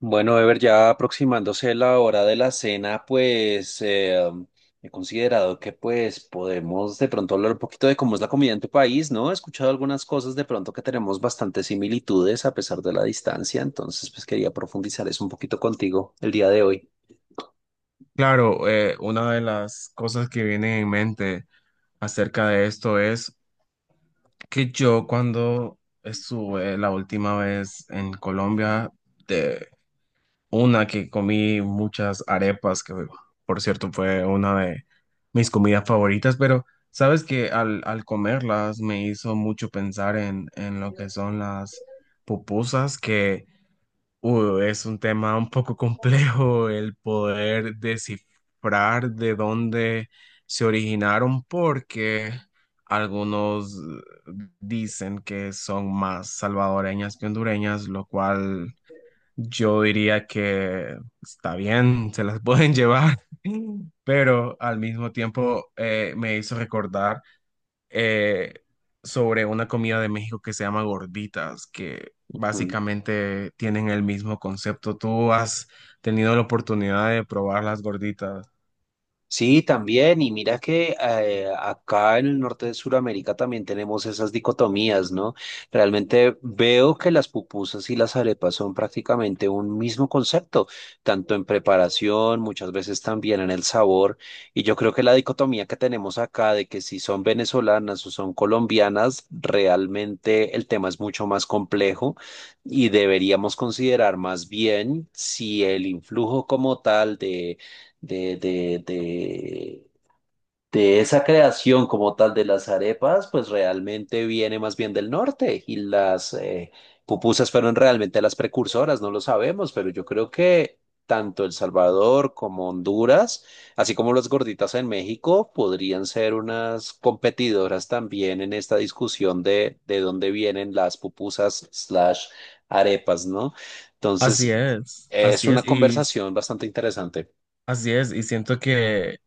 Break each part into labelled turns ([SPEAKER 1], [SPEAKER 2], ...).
[SPEAKER 1] Bueno, Ever, ya aproximándose la hora de la cena, pues he considerado que pues podemos de pronto hablar un poquito de cómo es la comida en tu país, ¿no? He escuchado algunas cosas de pronto que tenemos bastantes similitudes a pesar de la distancia, entonces pues quería profundizar eso un poquito contigo el día de hoy.
[SPEAKER 2] Claro, una de las cosas que viene en mente acerca de esto es que yo cuando estuve la última vez en Colombia, de una que comí muchas arepas, que por cierto fue una de mis comidas favoritas, pero sabes que al comerlas me hizo mucho pensar en lo que son las pupusas, que es un tema un poco complejo el poder descifrar de dónde se originaron porque algunos dicen que son más salvadoreñas que hondureñas, lo cual yo diría que está bien, se las pueden llevar, pero al mismo tiempo me hizo recordar eh, sobre una comida de México que se llama gorditas, que
[SPEAKER 1] Mm.
[SPEAKER 2] básicamente tienen el mismo concepto. ¿Tú has tenido la oportunidad de probar las gorditas?
[SPEAKER 1] Sí, también. Y mira que acá en el norte de Sudamérica también tenemos esas dicotomías, ¿no? Realmente veo que las pupusas y las arepas son prácticamente un mismo concepto, tanto en preparación, muchas veces también en el sabor. Y yo creo que la dicotomía que tenemos acá de que si son venezolanas o son colombianas, realmente el tema es mucho más complejo y deberíamos considerar más bien si el influjo como tal de, de, de, de esa creación como tal de las arepas, pues realmente viene más bien del norte y las pupusas fueron realmente las precursoras, no lo sabemos, pero yo creo que tanto El Salvador como Honduras, así como las gorditas en México, podrían ser unas competidoras también en esta discusión de dónde vienen las pupusas slash arepas, ¿no?
[SPEAKER 2] Así
[SPEAKER 1] Entonces,
[SPEAKER 2] es,
[SPEAKER 1] es
[SPEAKER 2] así
[SPEAKER 1] una
[SPEAKER 2] es, y
[SPEAKER 1] conversación bastante interesante.
[SPEAKER 2] así es, y siento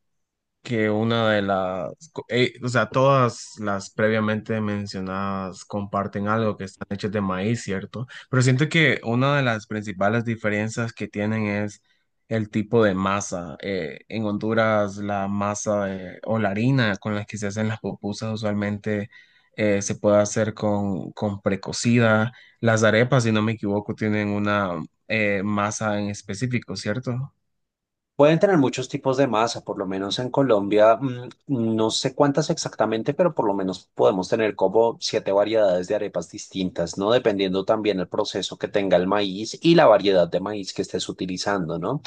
[SPEAKER 2] que una de las, o sea, todas las previamente mencionadas comparten algo que están hechas de maíz, ¿cierto? Pero siento que una de las principales diferencias que tienen es el tipo de masa. En Honduras, la o la harina con la que se hacen las pupusas usualmente se puede hacer con precocida. Las arepas, si no me equivoco, tienen una masa en específico, ¿cierto?
[SPEAKER 1] Pueden tener muchos tipos de masa, por lo menos en Colombia, no sé cuántas exactamente, pero por lo menos podemos tener como siete variedades de arepas distintas, ¿no? Dependiendo también el proceso que tenga el maíz y la variedad de maíz que estés utilizando, ¿no?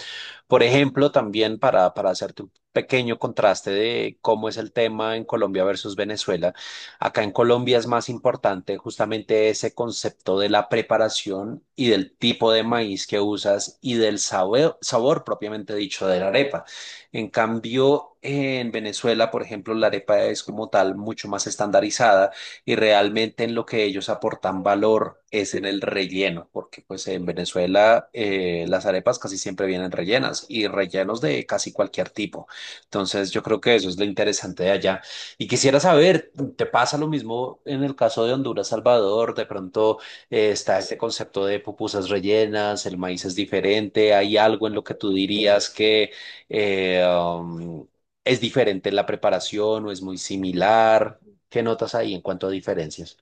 [SPEAKER 1] Por ejemplo, también para hacerte un pequeño contraste de cómo es el tema en Colombia versus Venezuela, acá en Colombia es más importante justamente ese concepto de la preparación y del tipo de maíz que usas y del sabor, sabor propiamente dicho de la arepa. En cambio, en Venezuela, por ejemplo, la arepa es como tal mucho más estandarizada y realmente en lo que ellos aportan valor es en el relleno, porque pues en Venezuela las arepas casi siempre vienen rellenas y rellenos de casi cualquier tipo. Entonces yo creo que eso es lo interesante de allá. Y quisiera saber, ¿te pasa lo mismo en el caso de Honduras, Salvador? De pronto está este concepto de pupusas rellenas, el maíz es diferente, ¿hay algo en lo que tú dirías que... eh, um, ¿Es diferente en la preparación o es muy similar? ¿Qué notas ahí en cuanto a diferencias?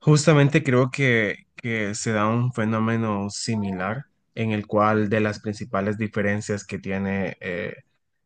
[SPEAKER 2] Justamente creo que se da un fenómeno similar en el cual de las principales diferencias que tiene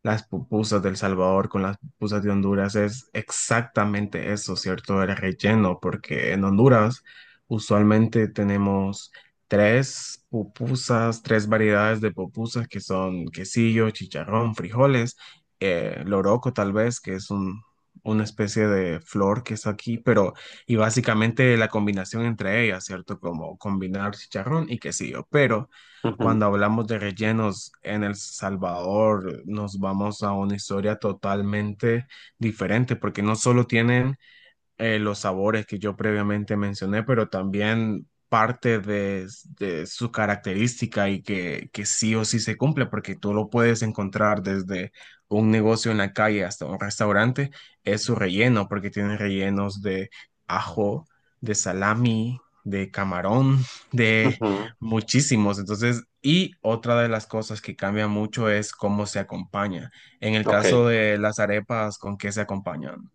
[SPEAKER 2] las pupusas del Salvador con las pupusas de Honduras es exactamente eso, ¿cierto? El relleno, porque en Honduras usualmente tenemos tres pupusas, tres variedades de pupusas que son quesillo, chicharrón, frijoles, loroco tal vez, que es una especie de flor que es aquí, pero y básicamente la combinación entre ellas, ¿cierto? Como combinar chicharrón y quesillo. Pero
[SPEAKER 1] Ujú,
[SPEAKER 2] cuando hablamos de rellenos en El Salvador, nos vamos a una historia totalmente diferente, porque no solo tienen los sabores que yo previamente mencioné, pero también parte de su característica y que sí o sí se cumple, porque tú lo puedes encontrar desde un negocio en la calle hasta un restaurante, es su relleno, porque tiene rellenos de ajo, de salami, de camarón, de
[SPEAKER 1] ujú.
[SPEAKER 2] muchísimos. Entonces, y otra de las cosas que cambia mucho es cómo se acompaña. En el
[SPEAKER 1] Ok.
[SPEAKER 2] caso de las arepas, ¿con qué se acompañan?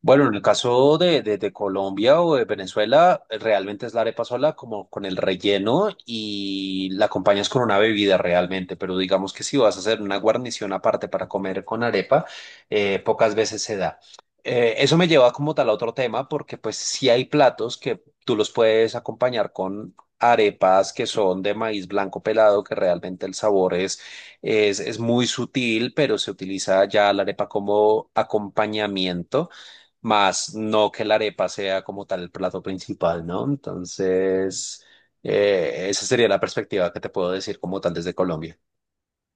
[SPEAKER 1] Bueno, en el caso de, de Colombia o de Venezuela, realmente es la arepa sola como con el relleno y la acompañas con una bebida realmente, pero digamos que si vas a hacer una guarnición aparte para comer con arepa, pocas veces se da. Eso me lleva como tal a otro tema porque pues sí hay platos que tú los puedes acompañar con arepas que son de maíz blanco pelado, que realmente el sabor es... Es muy sutil, pero se utiliza ya la arepa como acompañamiento más no que la arepa sea como tal el plato principal, ¿no? Entonces, esa sería la perspectiva que te puedo decir como tal desde Colombia.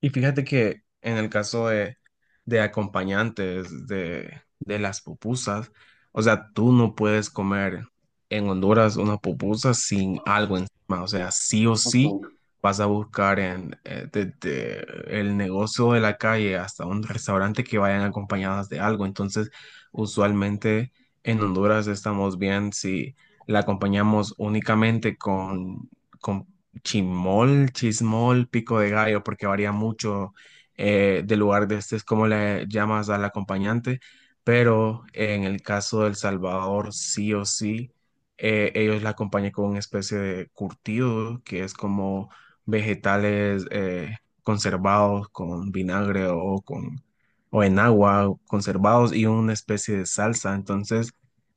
[SPEAKER 2] Y fíjate que en el caso de acompañantes de las pupusas, o sea, tú no puedes comer en Honduras una pupusa sin algo encima. O sea, sí o sí
[SPEAKER 1] Ujú.
[SPEAKER 2] vas a buscar en, desde el negocio de la calle hasta un restaurante que vayan acompañadas de algo. Entonces, usualmente en Honduras estamos bien si la acompañamos únicamente con chimol, chismol, pico de gallo, porque varía mucho del lugar de este, es como le llamas al acompañante, pero en el caso del Salvador, sí o sí, ellos la acompañan con una especie de curtido, que es como vegetales conservados con vinagre o con o en agua conservados y una especie de salsa. Entonces,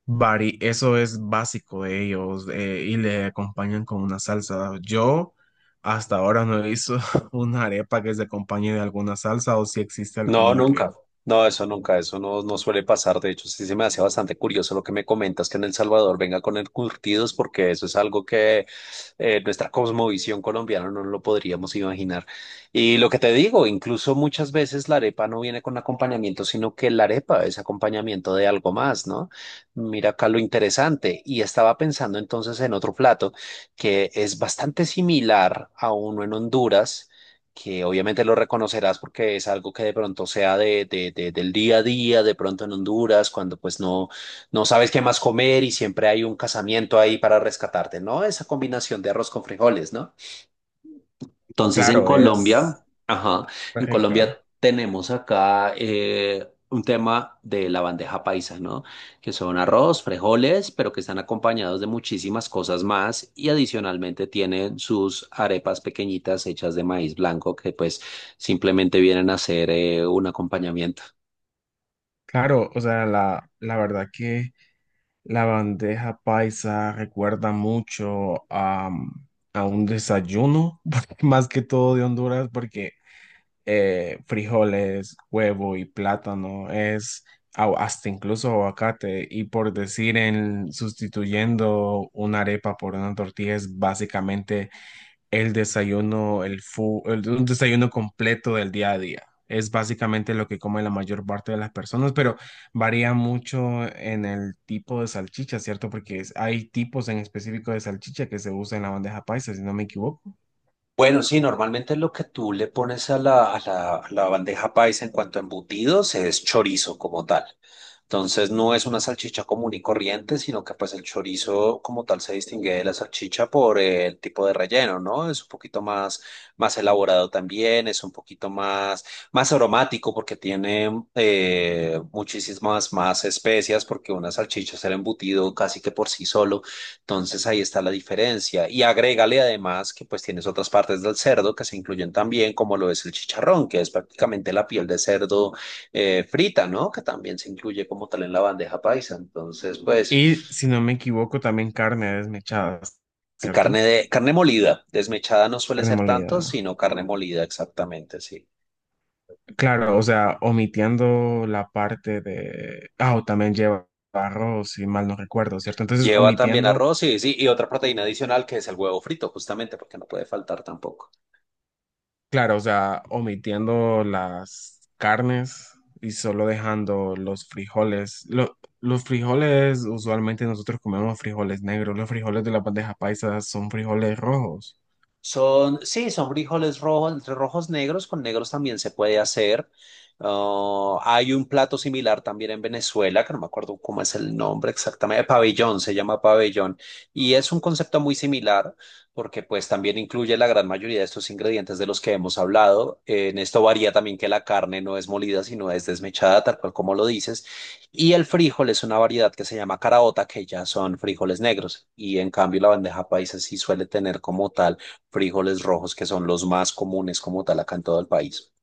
[SPEAKER 2] Bari, eso es básico de ellos y le acompañan con una salsa. Yo hasta ahora no he visto una arepa que se acompañe de alguna salsa o si existe
[SPEAKER 1] No,
[SPEAKER 2] alguna que,
[SPEAKER 1] nunca. No, eso nunca, eso no, no suele pasar. De hecho, sí se me hace bastante curioso lo que me comentas que en El Salvador venga con el curtidos, porque eso es algo que nuestra cosmovisión colombiana no lo podríamos imaginar. Y lo que te digo, incluso muchas veces la arepa no viene con acompañamiento, sino que la arepa es acompañamiento de algo más, ¿no? Mira acá lo interesante. Y estaba pensando entonces en otro plato que es bastante similar a uno en Honduras que obviamente lo reconocerás porque es algo que de pronto sea de, del día a día, de pronto en Honduras, cuando pues no, no sabes qué más comer y siempre hay un casamiento ahí para rescatarte, ¿no? Esa combinación de arroz con frijoles, ¿no? Entonces en
[SPEAKER 2] claro, es
[SPEAKER 1] Colombia, ajá, en
[SPEAKER 2] rica.
[SPEAKER 1] Colombia tenemos acá un tema de la bandeja paisa, ¿no? Que son arroz, frijoles, pero que están acompañados de muchísimas cosas más y adicionalmente tienen sus arepas pequeñitas hechas de maíz blanco que pues simplemente vienen a ser un acompañamiento.
[SPEAKER 2] Claro, o sea, la verdad que la bandeja paisa recuerda mucho a un desayuno, más que todo de Honduras, porque frijoles, huevo y plátano, es hasta incluso aguacate. Y por decir en sustituyendo una arepa por una tortilla es básicamente el desayuno, un desayuno completo del día a día. Es básicamente lo que come la mayor parte de las personas, pero varía mucho en el tipo de salchicha, ¿cierto? Hay tipos en específico de salchicha que se usa en la bandeja paisa, si no me equivoco.
[SPEAKER 1] Bueno, sí, normalmente lo que tú le pones a la, a la bandeja paisa en cuanto a embutidos es chorizo como tal. Entonces no es una salchicha común y corriente, sino que pues el chorizo como tal se distingue de la salchicha por el tipo de relleno, ¿no? Es un poquito más, más elaborado también, es un poquito más, más aromático porque tiene muchísimas más especias porque una salchicha es el embutido casi que por sí solo. Entonces ahí está la diferencia. Y agrégale además que pues tienes otras partes del cerdo que se incluyen también, como lo es el chicharrón, que es prácticamente la piel de cerdo frita, ¿no? Que también se incluye como tal en la bandeja paisa. Entonces,
[SPEAKER 2] Y
[SPEAKER 1] pues,
[SPEAKER 2] si no me equivoco, también carne desmechada, ¿cierto?
[SPEAKER 1] carne de, carne molida, desmechada no suele
[SPEAKER 2] Carne
[SPEAKER 1] ser tanto,
[SPEAKER 2] molida.
[SPEAKER 1] sino carne molida, exactamente, sí.
[SPEAKER 2] Claro, o sea, omitiendo la parte de Ah, o también lleva arroz, si mal no recuerdo, ¿cierto? Entonces,
[SPEAKER 1] Lleva también
[SPEAKER 2] omitiendo
[SPEAKER 1] arroz y, sí, y otra proteína adicional que es el huevo frito, justamente, porque no puede faltar tampoco.
[SPEAKER 2] claro, o sea, omitiendo las carnes y solo dejando los frijoles. Los frijoles, usualmente nosotros comemos frijoles negros. Los frijoles de la bandeja paisa son frijoles rojos.
[SPEAKER 1] Son, sí, son frijoles rojos, entre rojos negros, con negros también se puede hacer. Ah, hay un plato similar también en Venezuela, que no me acuerdo cómo es el nombre exactamente, pabellón, se llama pabellón. Y es un concepto muy similar, porque pues también incluye la gran mayoría de estos ingredientes de los que hemos hablado. En esto varía también que la carne no es molida, sino es desmechada, tal cual como lo dices. Y el frijol es una variedad que se llama caraota, que ya son frijoles negros. Y en cambio la bandeja paisa sí suele tener como tal frijoles rojos, que son los más comunes como tal acá en todo el país.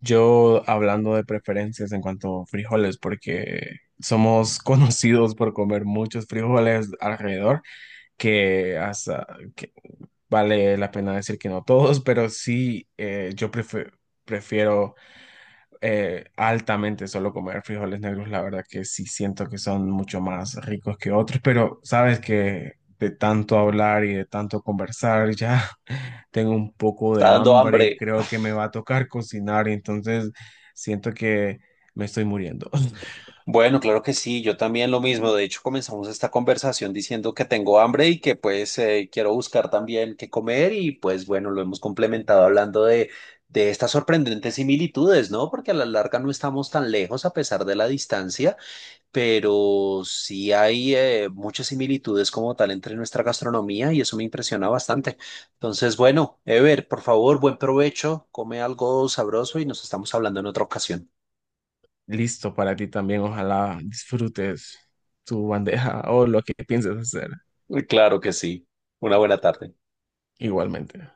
[SPEAKER 2] Yo hablando de preferencias en cuanto a frijoles, porque somos conocidos por comer muchos frijoles alrededor, que, hasta, que vale la pena decir que no todos, pero sí, prefiero altamente solo comer frijoles negros. La verdad que sí siento que son mucho más ricos que otros, pero sabes que de tanto hablar y de tanto conversar ya tengo un poco de
[SPEAKER 1] Está dando
[SPEAKER 2] hambre y
[SPEAKER 1] hambre.
[SPEAKER 2] creo que me va a tocar cocinar, y entonces siento que me estoy muriendo.
[SPEAKER 1] Bueno, claro que sí, yo también lo mismo. De hecho, comenzamos esta conversación diciendo que tengo hambre y que pues quiero buscar también qué comer y pues bueno, lo hemos complementado hablando de estas sorprendentes similitudes, ¿no? Porque a la larga no estamos tan lejos a pesar de la distancia pero sí hay muchas similitudes como tal entre nuestra gastronomía y eso me impresiona bastante. Entonces, bueno, Ever, por favor, buen provecho, come algo sabroso y nos estamos hablando en otra ocasión.
[SPEAKER 2] Listo para ti también, ojalá disfrutes tu bandeja o lo que pienses hacer
[SPEAKER 1] Claro que sí. Una buena tarde.
[SPEAKER 2] igualmente.